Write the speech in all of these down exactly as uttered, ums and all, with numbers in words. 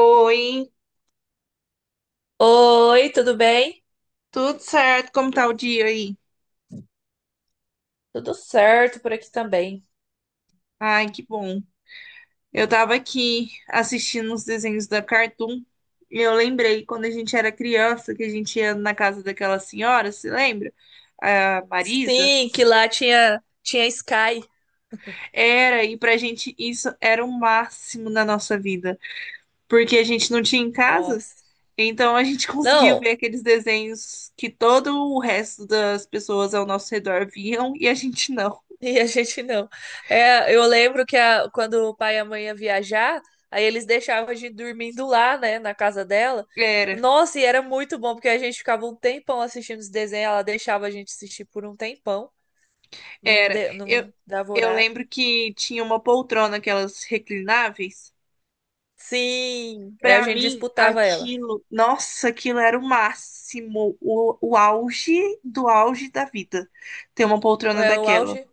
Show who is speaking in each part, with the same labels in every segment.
Speaker 1: Oi,
Speaker 2: Oi, tudo bem?
Speaker 1: tudo certo? Como tá o dia aí?
Speaker 2: Tudo certo por aqui também.
Speaker 1: Ai, que bom. Eu tava aqui assistindo os desenhos da Cartoon e eu lembrei quando a gente era criança que a gente ia na casa daquela senhora, se lembra? A Marisa.
Speaker 2: Sim, que lá tinha tinha Sky.
Speaker 1: Era, e pra gente isso era o máximo na nossa vida, porque a gente não tinha em casa,
Speaker 2: Nossa.
Speaker 1: então a gente conseguia ver
Speaker 2: Não,
Speaker 1: aqueles desenhos que todo o resto das pessoas ao nosso redor viam e a gente não.
Speaker 2: e a gente não. É, eu lembro que a- quando o pai e a mãe ia viajar, aí eles deixavam a gente dormindo lá, né, na casa dela.
Speaker 1: Era.
Speaker 2: Nossa, e era muito bom, porque a gente ficava um tempão assistindo os desenhos, ela deixava a gente assistir por um tempão, não,
Speaker 1: Era.
Speaker 2: de- não
Speaker 1: Eu,
Speaker 2: dava
Speaker 1: eu
Speaker 2: horário.
Speaker 1: lembro que tinha uma poltrona, aquelas reclináveis.
Speaker 2: Sim, aí a
Speaker 1: Pra
Speaker 2: gente
Speaker 1: mim,
Speaker 2: disputava ela.
Speaker 1: aquilo, nossa, aquilo era o máximo, o, o auge do auge da vida, ter uma poltrona
Speaker 2: É o
Speaker 1: daquela.
Speaker 2: auge,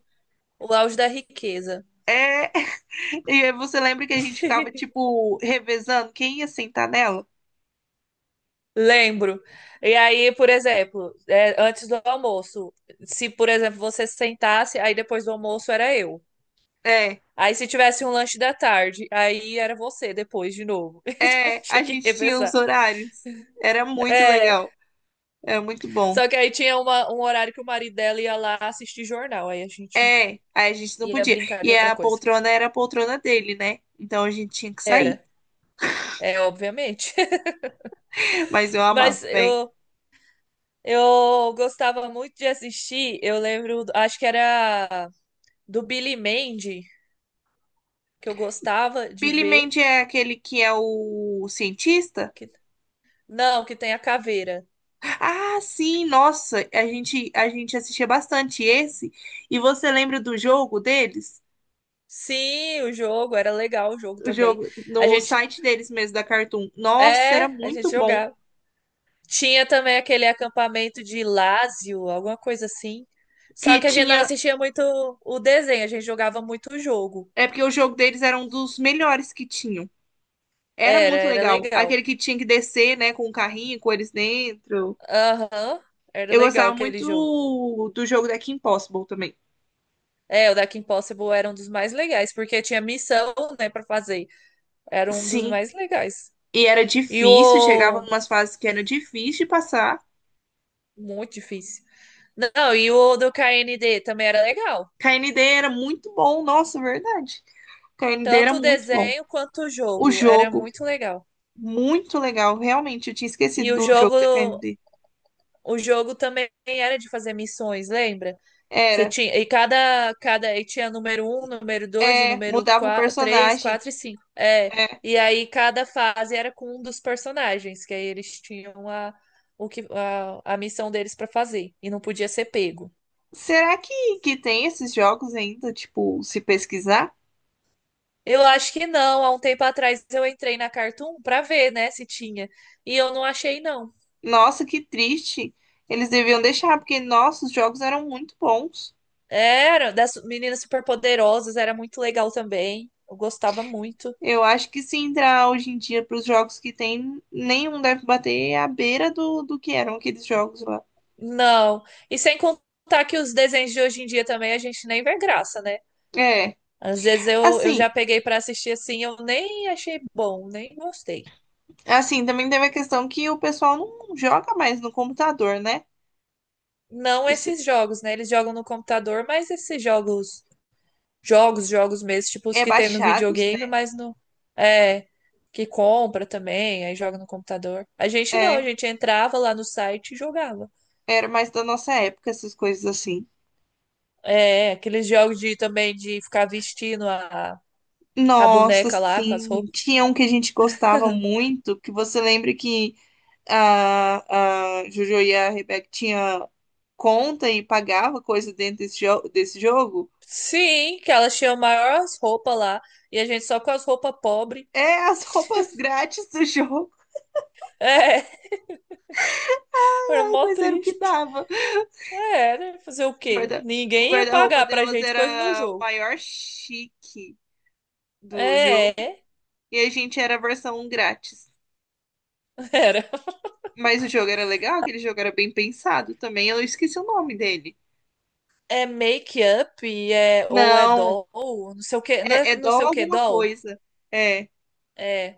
Speaker 2: o auge da riqueza.
Speaker 1: É, e aí você lembra que a gente ficava, tipo, revezando quem ia sentar nela?
Speaker 2: Lembro. E aí, por exemplo, é, antes do almoço, se, por exemplo, você sentasse, aí depois do almoço era eu.
Speaker 1: É,
Speaker 2: Aí se tivesse um lanche da tarde, aí era você depois de novo. Então
Speaker 1: é,
Speaker 2: tinha
Speaker 1: a
Speaker 2: que
Speaker 1: gente tinha os
Speaker 2: revezar.
Speaker 1: horários. Era muito
Speaker 2: É,
Speaker 1: legal, era muito bom.
Speaker 2: só que aí tinha uma- um horário que o marido dela ia lá assistir jornal, aí a gente
Speaker 1: É, aí a gente não
Speaker 2: ia
Speaker 1: podia.
Speaker 2: brincar de
Speaker 1: E
Speaker 2: outra
Speaker 1: a
Speaker 2: coisa.
Speaker 1: poltrona era a poltrona dele, né? Então a gente tinha que sair.
Speaker 2: Era, é, obviamente.
Speaker 1: Mas eu
Speaker 2: Mas
Speaker 1: amava, velho.
Speaker 2: eu, eu gostava muito de assistir, eu lembro, acho que era do Billy Mandy. Que eu gostava de
Speaker 1: Billy
Speaker 2: ver.
Speaker 1: Mandy é aquele que é o cientista?
Speaker 2: Que... Não, que tem a caveira.
Speaker 1: Ah, sim, nossa, a gente a gente assistia bastante esse. E você lembra do jogo deles?
Speaker 2: Sim, o jogo era legal, o jogo
Speaker 1: O
Speaker 2: também.
Speaker 1: jogo
Speaker 2: A
Speaker 1: no
Speaker 2: gente
Speaker 1: site deles mesmo da Cartoon. Nossa,
Speaker 2: é,
Speaker 1: era
Speaker 2: a gente
Speaker 1: muito bom.
Speaker 2: jogava. Tinha também aquele acampamento de Lázio, alguma coisa assim.
Speaker 1: Que
Speaker 2: Só que a gente não
Speaker 1: tinha,
Speaker 2: assistia muito o desenho, a gente jogava muito o jogo.
Speaker 1: é porque o jogo deles era um dos melhores que tinham. Era
Speaker 2: Era,
Speaker 1: muito
Speaker 2: era
Speaker 1: legal.
Speaker 2: legal.
Speaker 1: Aquele que tinha que descer, né, com o carrinho, com eles dentro.
Speaker 2: Aham, era
Speaker 1: Eu
Speaker 2: legal
Speaker 1: gostava
Speaker 2: aquele jogo.
Speaker 1: muito do jogo da Kim Possible também.
Speaker 2: É, o Deck Impossible era um dos mais legais, porque tinha missão, né, pra fazer. Era um dos
Speaker 1: Sim,
Speaker 2: mais legais.
Speaker 1: E era
Speaker 2: E
Speaker 1: difícil, chegava
Speaker 2: o
Speaker 1: numas fases que era difícil de passar.
Speaker 2: Muito difícil. Não, e o do K N D também era legal.
Speaker 1: K N D era muito bom, nossa, verdade. K N D era
Speaker 2: Tanto o
Speaker 1: muito bom.
Speaker 2: desenho quanto o
Speaker 1: O
Speaker 2: jogo. Era
Speaker 1: jogo,
Speaker 2: muito legal.
Speaker 1: muito legal, realmente, eu tinha
Speaker 2: E
Speaker 1: esquecido
Speaker 2: o
Speaker 1: do jogo da
Speaker 2: jogo,
Speaker 1: K N D.
Speaker 2: o jogo também era de fazer missões, lembra? Você
Speaker 1: Era,
Speaker 2: tinha, e cada, cada, e tinha número um, número dois, o
Speaker 1: é,
Speaker 2: número
Speaker 1: mudava o
Speaker 2: quatro, três,
Speaker 1: personagem.
Speaker 2: quatro e cinco. É,
Speaker 1: é.
Speaker 2: e aí cada fase era com um dos personagens, que aí eles tinham a, o que, a, a missão deles para fazer. E não podia ser pego.
Speaker 1: Será que, que tem esses jogos ainda, tipo, se pesquisar?
Speaker 2: Eu acho que não. Há um tempo atrás eu entrei na Cartoon pra ver, né, se tinha. E eu não achei, não.
Speaker 1: Nossa, que triste. Eles deviam deixar, porque nossos jogos eram muito bons.
Speaker 2: Era das meninas superpoderosas, era muito legal também. Eu gostava muito.
Speaker 1: Eu acho que se entrar hoje em dia para os jogos que tem, nenhum deve bater à beira do, do que eram aqueles jogos lá.
Speaker 2: Não. E sem contar que os desenhos de hoje em dia também a gente nem vê graça, né?
Speaker 1: É,
Speaker 2: Às vezes eu, eu já
Speaker 1: assim,
Speaker 2: peguei pra assistir assim, eu nem achei bom, nem gostei.
Speaker 1: assim, também teve a questão que o pessoal não joga mais no computador, né?
Speaker 2: Não
Speaker 1: Isso
Speaker 2: esses jogos, né? Eles jogam no computador, mas esses jogos. Jogos, jogos mesmo, tipo os
Speaker 1: é
Speaker 2: que tem no
Speaker 1: baixados,
Speaker 2: videogame,
Speaker 1: né?
Speaker 2: mas no. É, que compra também, aí joga no computador. A gente não, a
Speaker 1: É,
Speaker 2: gente entrava lá no site e jogava.
Speaker 1: era mais da nossa época essas coisas assim.
Speaker 2: É, aqueles jogos de também de ficar vestindo a, a
Speaker 1: Nossa,
Speaker 2: boneca lá com as
Speaker 1: sim,
Speaker 2: roupas.
Speaker 1: tinha um que a gente gostava muito, que você lembra que a, a Jojo e a Rebeca tinha conta e pagava coisa dentro desse, jo desse jogo?
Speaker 2: Sim, que elas tinham maiores roupas lá e a gente só com as roupas pobres.
Speaker 1: É as roupas grátis do jogo.
Speaker 2: É, era
Speaker 1: Ai,
Speaker 2: mó
Speaker 1: mas era o que
Speaker 2: triste.
Speaker 1: dava.
Speaker 2: É, né? Fazer o
Speaker 1: O
Speaker 2: quê?
Speaker 1: guarda- o
Speaker 2: Ninguém ia
Speaker 1: guarda-roupa
Speaker 2: pagar pra
Speaker 1: delas
Speaker 2: gente coisa no
Speaker 1: era o
Speaker 2: jogo.
Speaker 1: maior chique do jogo.
Speaker 2: É,
Speaker 1: E a gente era a versão grátis.
Speaker 2: era.
Speaker 1: Mas o jogo era legal, aquele jogo era bem pensado também. Eu esqueci o nome dele.
Speaker 2: É make-up, é, ou é
Speaker 1: Não,
Speaker 2: doll, não sei o que, não é
Speaker 1: é, é Dó
Speaker 2: não sei o que,
Speaker 1: alguma
Speaker 2: doll?
Speaker 1: coisa. É,
Speaker 2: É,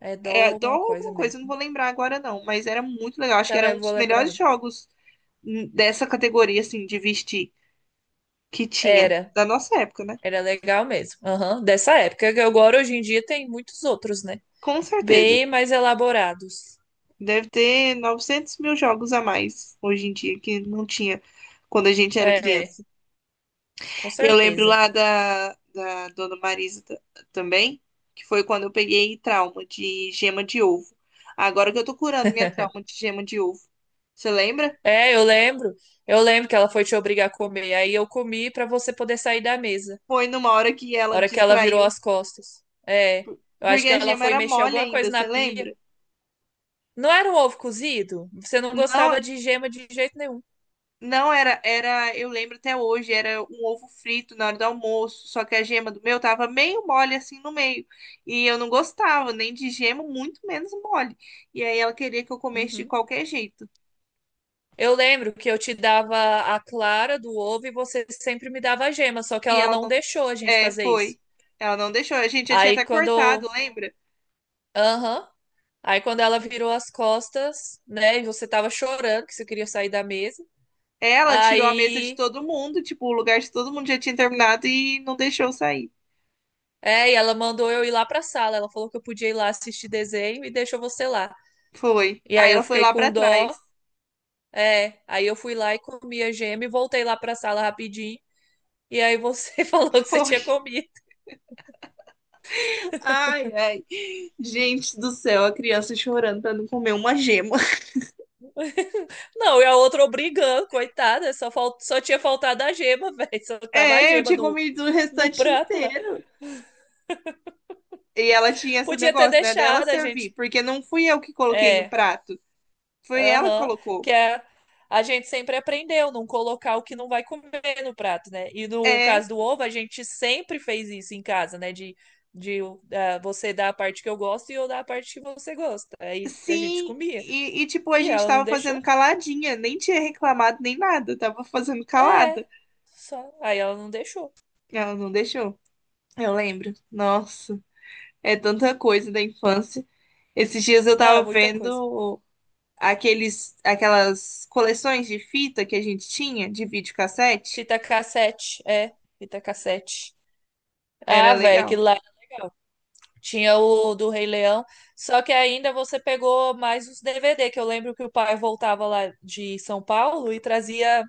Speaker 2: é doll
Speaker 1: é Dó
Speaker 2: alguma coisa
Speaker 1: alguma coisa, eu não
Speaker 2: mesmo.
Speaker 1: vou lembrar agora não. Mas era muito legal. Acho que era
Speaker 2: Também
Speaker 1: um
Speaker 2: vou
Speaker 1: dos
Speaker 2: lembrar
Speaker 1: melhores
Speaker 2: não.
Speaker 1: jogos hum, dessa categoria, assim, de vestir que tinha.
Speaker 2: Era,
Speaker 1: Da nossa época, né?
Speaker 2: era legal mesmo. Aham, dessa época. Que agora, hoje em dia, tem muitos outros, né?
Speaker 1: Com certeza.
Speaker 2: Bem mais elaborados.
Speaker 1: Deve ter novecentos mil jogos a mais hoje em dia, que não tinha quando a gente era
Speaker 2: É,
Speaker 1: criança.
Speaker 2: com
Speaker 1: Eu lembro
Speaker 2: certeza.
Speaker 1: lá da, da Dona Marisa ta- também, que foi quando eu peguei trauma de gema de ovo. Agora que eu tô curando minha trauma de gema de ovo. Você lembra?
Speaker 2: É, eu lembro. Eu lembro que ela foi te obrigar a comer. Aí eu comi pra você poder sair da mesa.
Speaker 1: Foi numa hora que
Speaker 2: A
Speaker 1: ela
Speaker 2: hora que ela virou
Speaker 1: distraiu,
Speaker 2: as costas. É.
Speaker 1: por-
Speaker 2: Eu acho
Speaker 1: porque
Speaker 2: que
Speaker 1: a
Speaker 2: ela
Speaker 1: gema
Speaker 2: foi
Speaker 1: era
Speaker 2: mexer
Speaker 1: mole
Speaker 2: alguma
Speaker 1: ainda,
Speaker 2: coisa na
Speaker 1: você
Speaker 2: pia.
Speaker 1: lembra?
Speaker 2: Não era um ovo cozido? Você não
Speaker 1: Não,
Speaker 2: gostava de gema de jeito nenhum.
Speaker 1: Não era, era, eu lembro até hoje, era um ovo frito na hora do almoço, só que a gema do meu tava meio mole assim no meio. E eu não gostava nem de gema, muito menos mole. E aí ela queria que eu comesse de
Speaker 2: Uhum.
Speaker 1: qualquer jeito.
Speaker 2: Eu lembro que eu te dava a clara do ovo e você sempre me dava a gema, só que
Speaker 1: E
Speaker 2: ela
Speaker 1: ela
Speaker 2: não
Speaker 1: não,
Speaker 2: deixou a gente
Speaker 1: é,
Speaker 2: fazer isso.
Speaker 1: foi. Ela não deixou. A gente já tinha
Speaker 2: Aí
Speaker 1: até
Speaker 2: quando.
Speaker 1: cortado, lembra?
Speaker 2: Aham. Aí quando ela virou as costas, né? E você tava chorando que você queria sair da mesa.
Speaker 1: Ela tirou a mesa de
Speaker 2: Aí.
Speaker 1: todo mundo, tipo, o lugar de todo mundo já tinha terminado e não deixou eu sair.
Speaker 2: É, e ela mandou eu ir lá pra sala. Ela falou que eu podia ir lá assistir desenho e deixou você lá.
Speaker 1: Foi.
Speaker 2: E
Speaker 1: Aí
Speaker 2: aí eu
Speaker 1: ela foi
Speaker 2: fiquei
Speaker 1: lá pra
Speaker 2: com dó.
Speaker 1: trás.
Speaker 2: É, aí eu fui lá e comi a gema e voltei lá pra sala rapidinho. E aí você falou que você tinha
Speaker 1: Foi.
Speaker 2: comido.
Speaker 1: Ai, ai. Gente do céu, a criança chorando pra não comer uma gema.
Speaker 2: Não, e a outra obrigando, coitada. Só, fal... só tinha faltado a gema, velho. Só tava a
Speaker 1: É, eu
Speaker 2: gema
Speaker 1: tinha
Speaker 2: no,
Speaker 1: comido o
Speaker 2: no
Speaker 1: restante
Speaker 2: prato lá.
Speaker 1: inteiro. E ela tinha esse
Speaker 2: Podia ter
Speaker 1: negócio, né, dela
Speaker 2: deixado a
Speaker 1: servir,
Speaker 2: gente.
Speaker 1: porque não fui eu que coloquei no
Speaker 2: É,
Speaker 1: prato, foi ela que
Speaker 2: aham.
Speaker 1: colocou.
Speaker 2: que é, a gente sempre aprendeu não colocar o que não vai comer no prato, né? E no
Speaker 1: É,
Speaker 2: caso do ovo, a gente sempre fez isso em casa, né? De, de ah, você dar a parte que eu gosto e eu dar a parte que você gosta. Aí a gente
Speaker 1: sim.
Speaker 2: comia.
Speaker 1: E, e, tipo, a
Speaker 2: E
Speaker 1: gente
Speaker 2: ela não
Speaker 1: tava
Speaker 2: deixou.
Speaker 1: fazendo caladinha, nem tinha reclamado nem nada, tava fazendo
Speaker 2: É,
Speaker 1: calada.
Speaker 2: só. Aí ela não deixou.
Speaker 1: Ela não deixou. Eu lembro. Nossa, é tanta coisa da infância. Esses dias eu
Speaker 2: Não, é
Speaker 1: tava
Speaker 2: muita coisa.
Speaker 1: vendo aqueles, aquelas coleções de fita que a gente tinha de videocassete,
Speaker 2: Fita cassete, é, fita cassete. Ah,
Speaker 1: era
Speaker 2: velho,
Speaker 1: legal.
Speaker 2: aquilo lá era legal. Tinha o do Rei Leão, só que ainda você pegou mais os D V D, que eu lembro que o pai voltava lá de São Paulo e trazia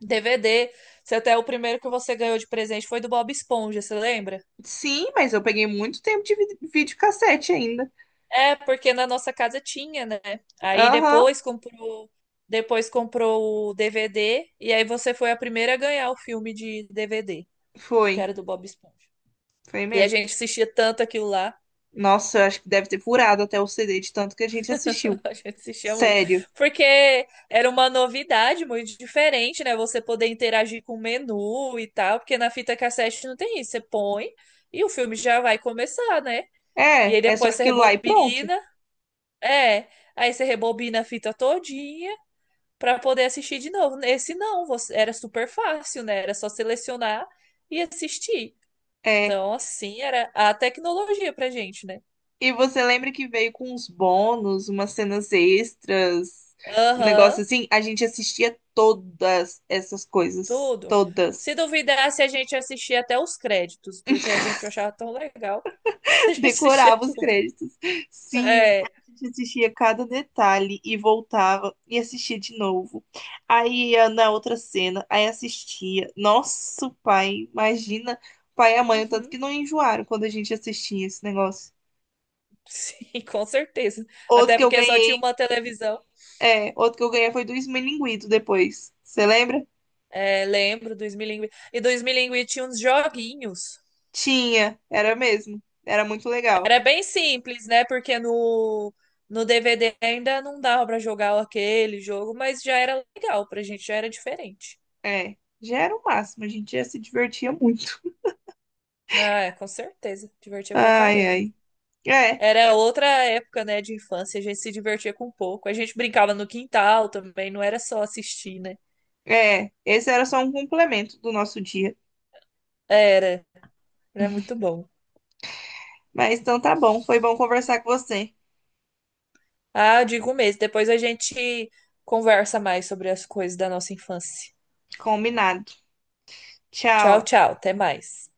Speaker 2: D V D. Se até o primeiro que você ganhou de presente foi do Bob Esponja, você lembra?
Speaker 1: Sim, mas eu peguei muito tempo de vi- videocassete ainda.
Speaker 2: É, porque na nossa casa tinha, né? Aí
Speaker 1: Aham,
Speaker 2: depois comprou, depois comprou o D V D e aí você foi a primeira a ganhar o filme de D V D, que
Speaker 1: foi.
Speaker 2: era do Bob Esponja.
Speaker 1: Foi
Speaker 2: E a
Speaker 1: mesmo.
Speaker 2: gente assistia tanto aquilo lá.
Speaker 1: Nossa, eu acho que deve ter furado até o C D de tanto que a gente assistiu.
Speaker 2: A gente assistia muito.
Speaker 1: Sério.
Speaker 2: Porque era uma novidade muito diferente, né? Você poder interagir com o menu e tal. Porque na fita cassete não tem isso. Você põe e o filme já vai começar, né? E
Speaker 1: É,
Speaker 2: aí
Speaker 1: é só
Speaker 2: depois você
Speaker 1: aquilo lá e pronto.
Speaker 2: rebobina. É. Aí você rebobina a fita todinha para poder assistir de novo. Esse não, você- era super fácil, né? Era só selecionar e assistir.
Speaker 1: É.
Speaker 2: Então, assim, era a tecnologia pra gente, né?
Speaker 1: E você lembra que veio com uns bônus, umas cenas extras, um negócio
Speaker 2: Aham,
Speaker 1: assim? A gente assistia todas essas coisas.
Speaker 2: tudo. Se
Speaker 1: Todas.
Speaker 2: duvidasse, a gente assistia até os créditos, porque a gente achava tão legal que a gente assistia
Speaker 1: decorava os
Speaker 2: tudo.
Speaker 1: créditos. Sim, a
Speaker 2: É,
Speaker 1: gente assistia cada detalhe e voltava e assistia de novo. Aí ia na outra cena, aí assistia. Nosso pai, imagina o pai e a mãe, o tanto
Speaker 2: uhum,
Speaker 1: que não enjoaram quando a gente assistia esse negócio.
Speaker 2: sim, com certeza.
Speaker 1: Outro
Speaker 2: Até
Speaker 1: que eu
Speaker 2: porque só tinha
Speaker 1: ganhei,
Speaker 2: uma televisão.
Speaker 1: é, outro que eu ganhei foi do Esmilinguido depois. Você lembra?
Speaker 2: É, lembro, dois mil e dois mil tinha uns joguinhos.
Speaker 1: Tinha, era mesmo. Era muito legal.
Speaker 2: Era bem simples, né? Porque no, no D V D ainda não dava para jogar aquele jogo, mas já era legal pra gente, já era diferente.
Speaker 1: É, já era o máximo, a gente já se divertia muito.
Speaker 2: Ah, é, com certeza, divertia pra
Speaker 1: Ai,
Speaker 2: caramba.
Speaker 1: ai. É.
Speaker 2: Era outra época, né, de infância, a gente se divertia com pouco. A gente brincava no quintal também, não era só assistir, né?
Speaker 1: É, esse era só um complemento do nosso dia.
Speaker 2: Era, era muito bom.
Speaker 1: Mas então tá bom, foi bom conversar com você.
Speaker 2: Ah, eu digo mesmo, depois a gente conversa mais sobre as coisas da nossa infância.
Speaker 1: Combinado.
Speaker 2: Tchau,
Speaker 1: Tchau.
Speaker 2: tchau, até mais.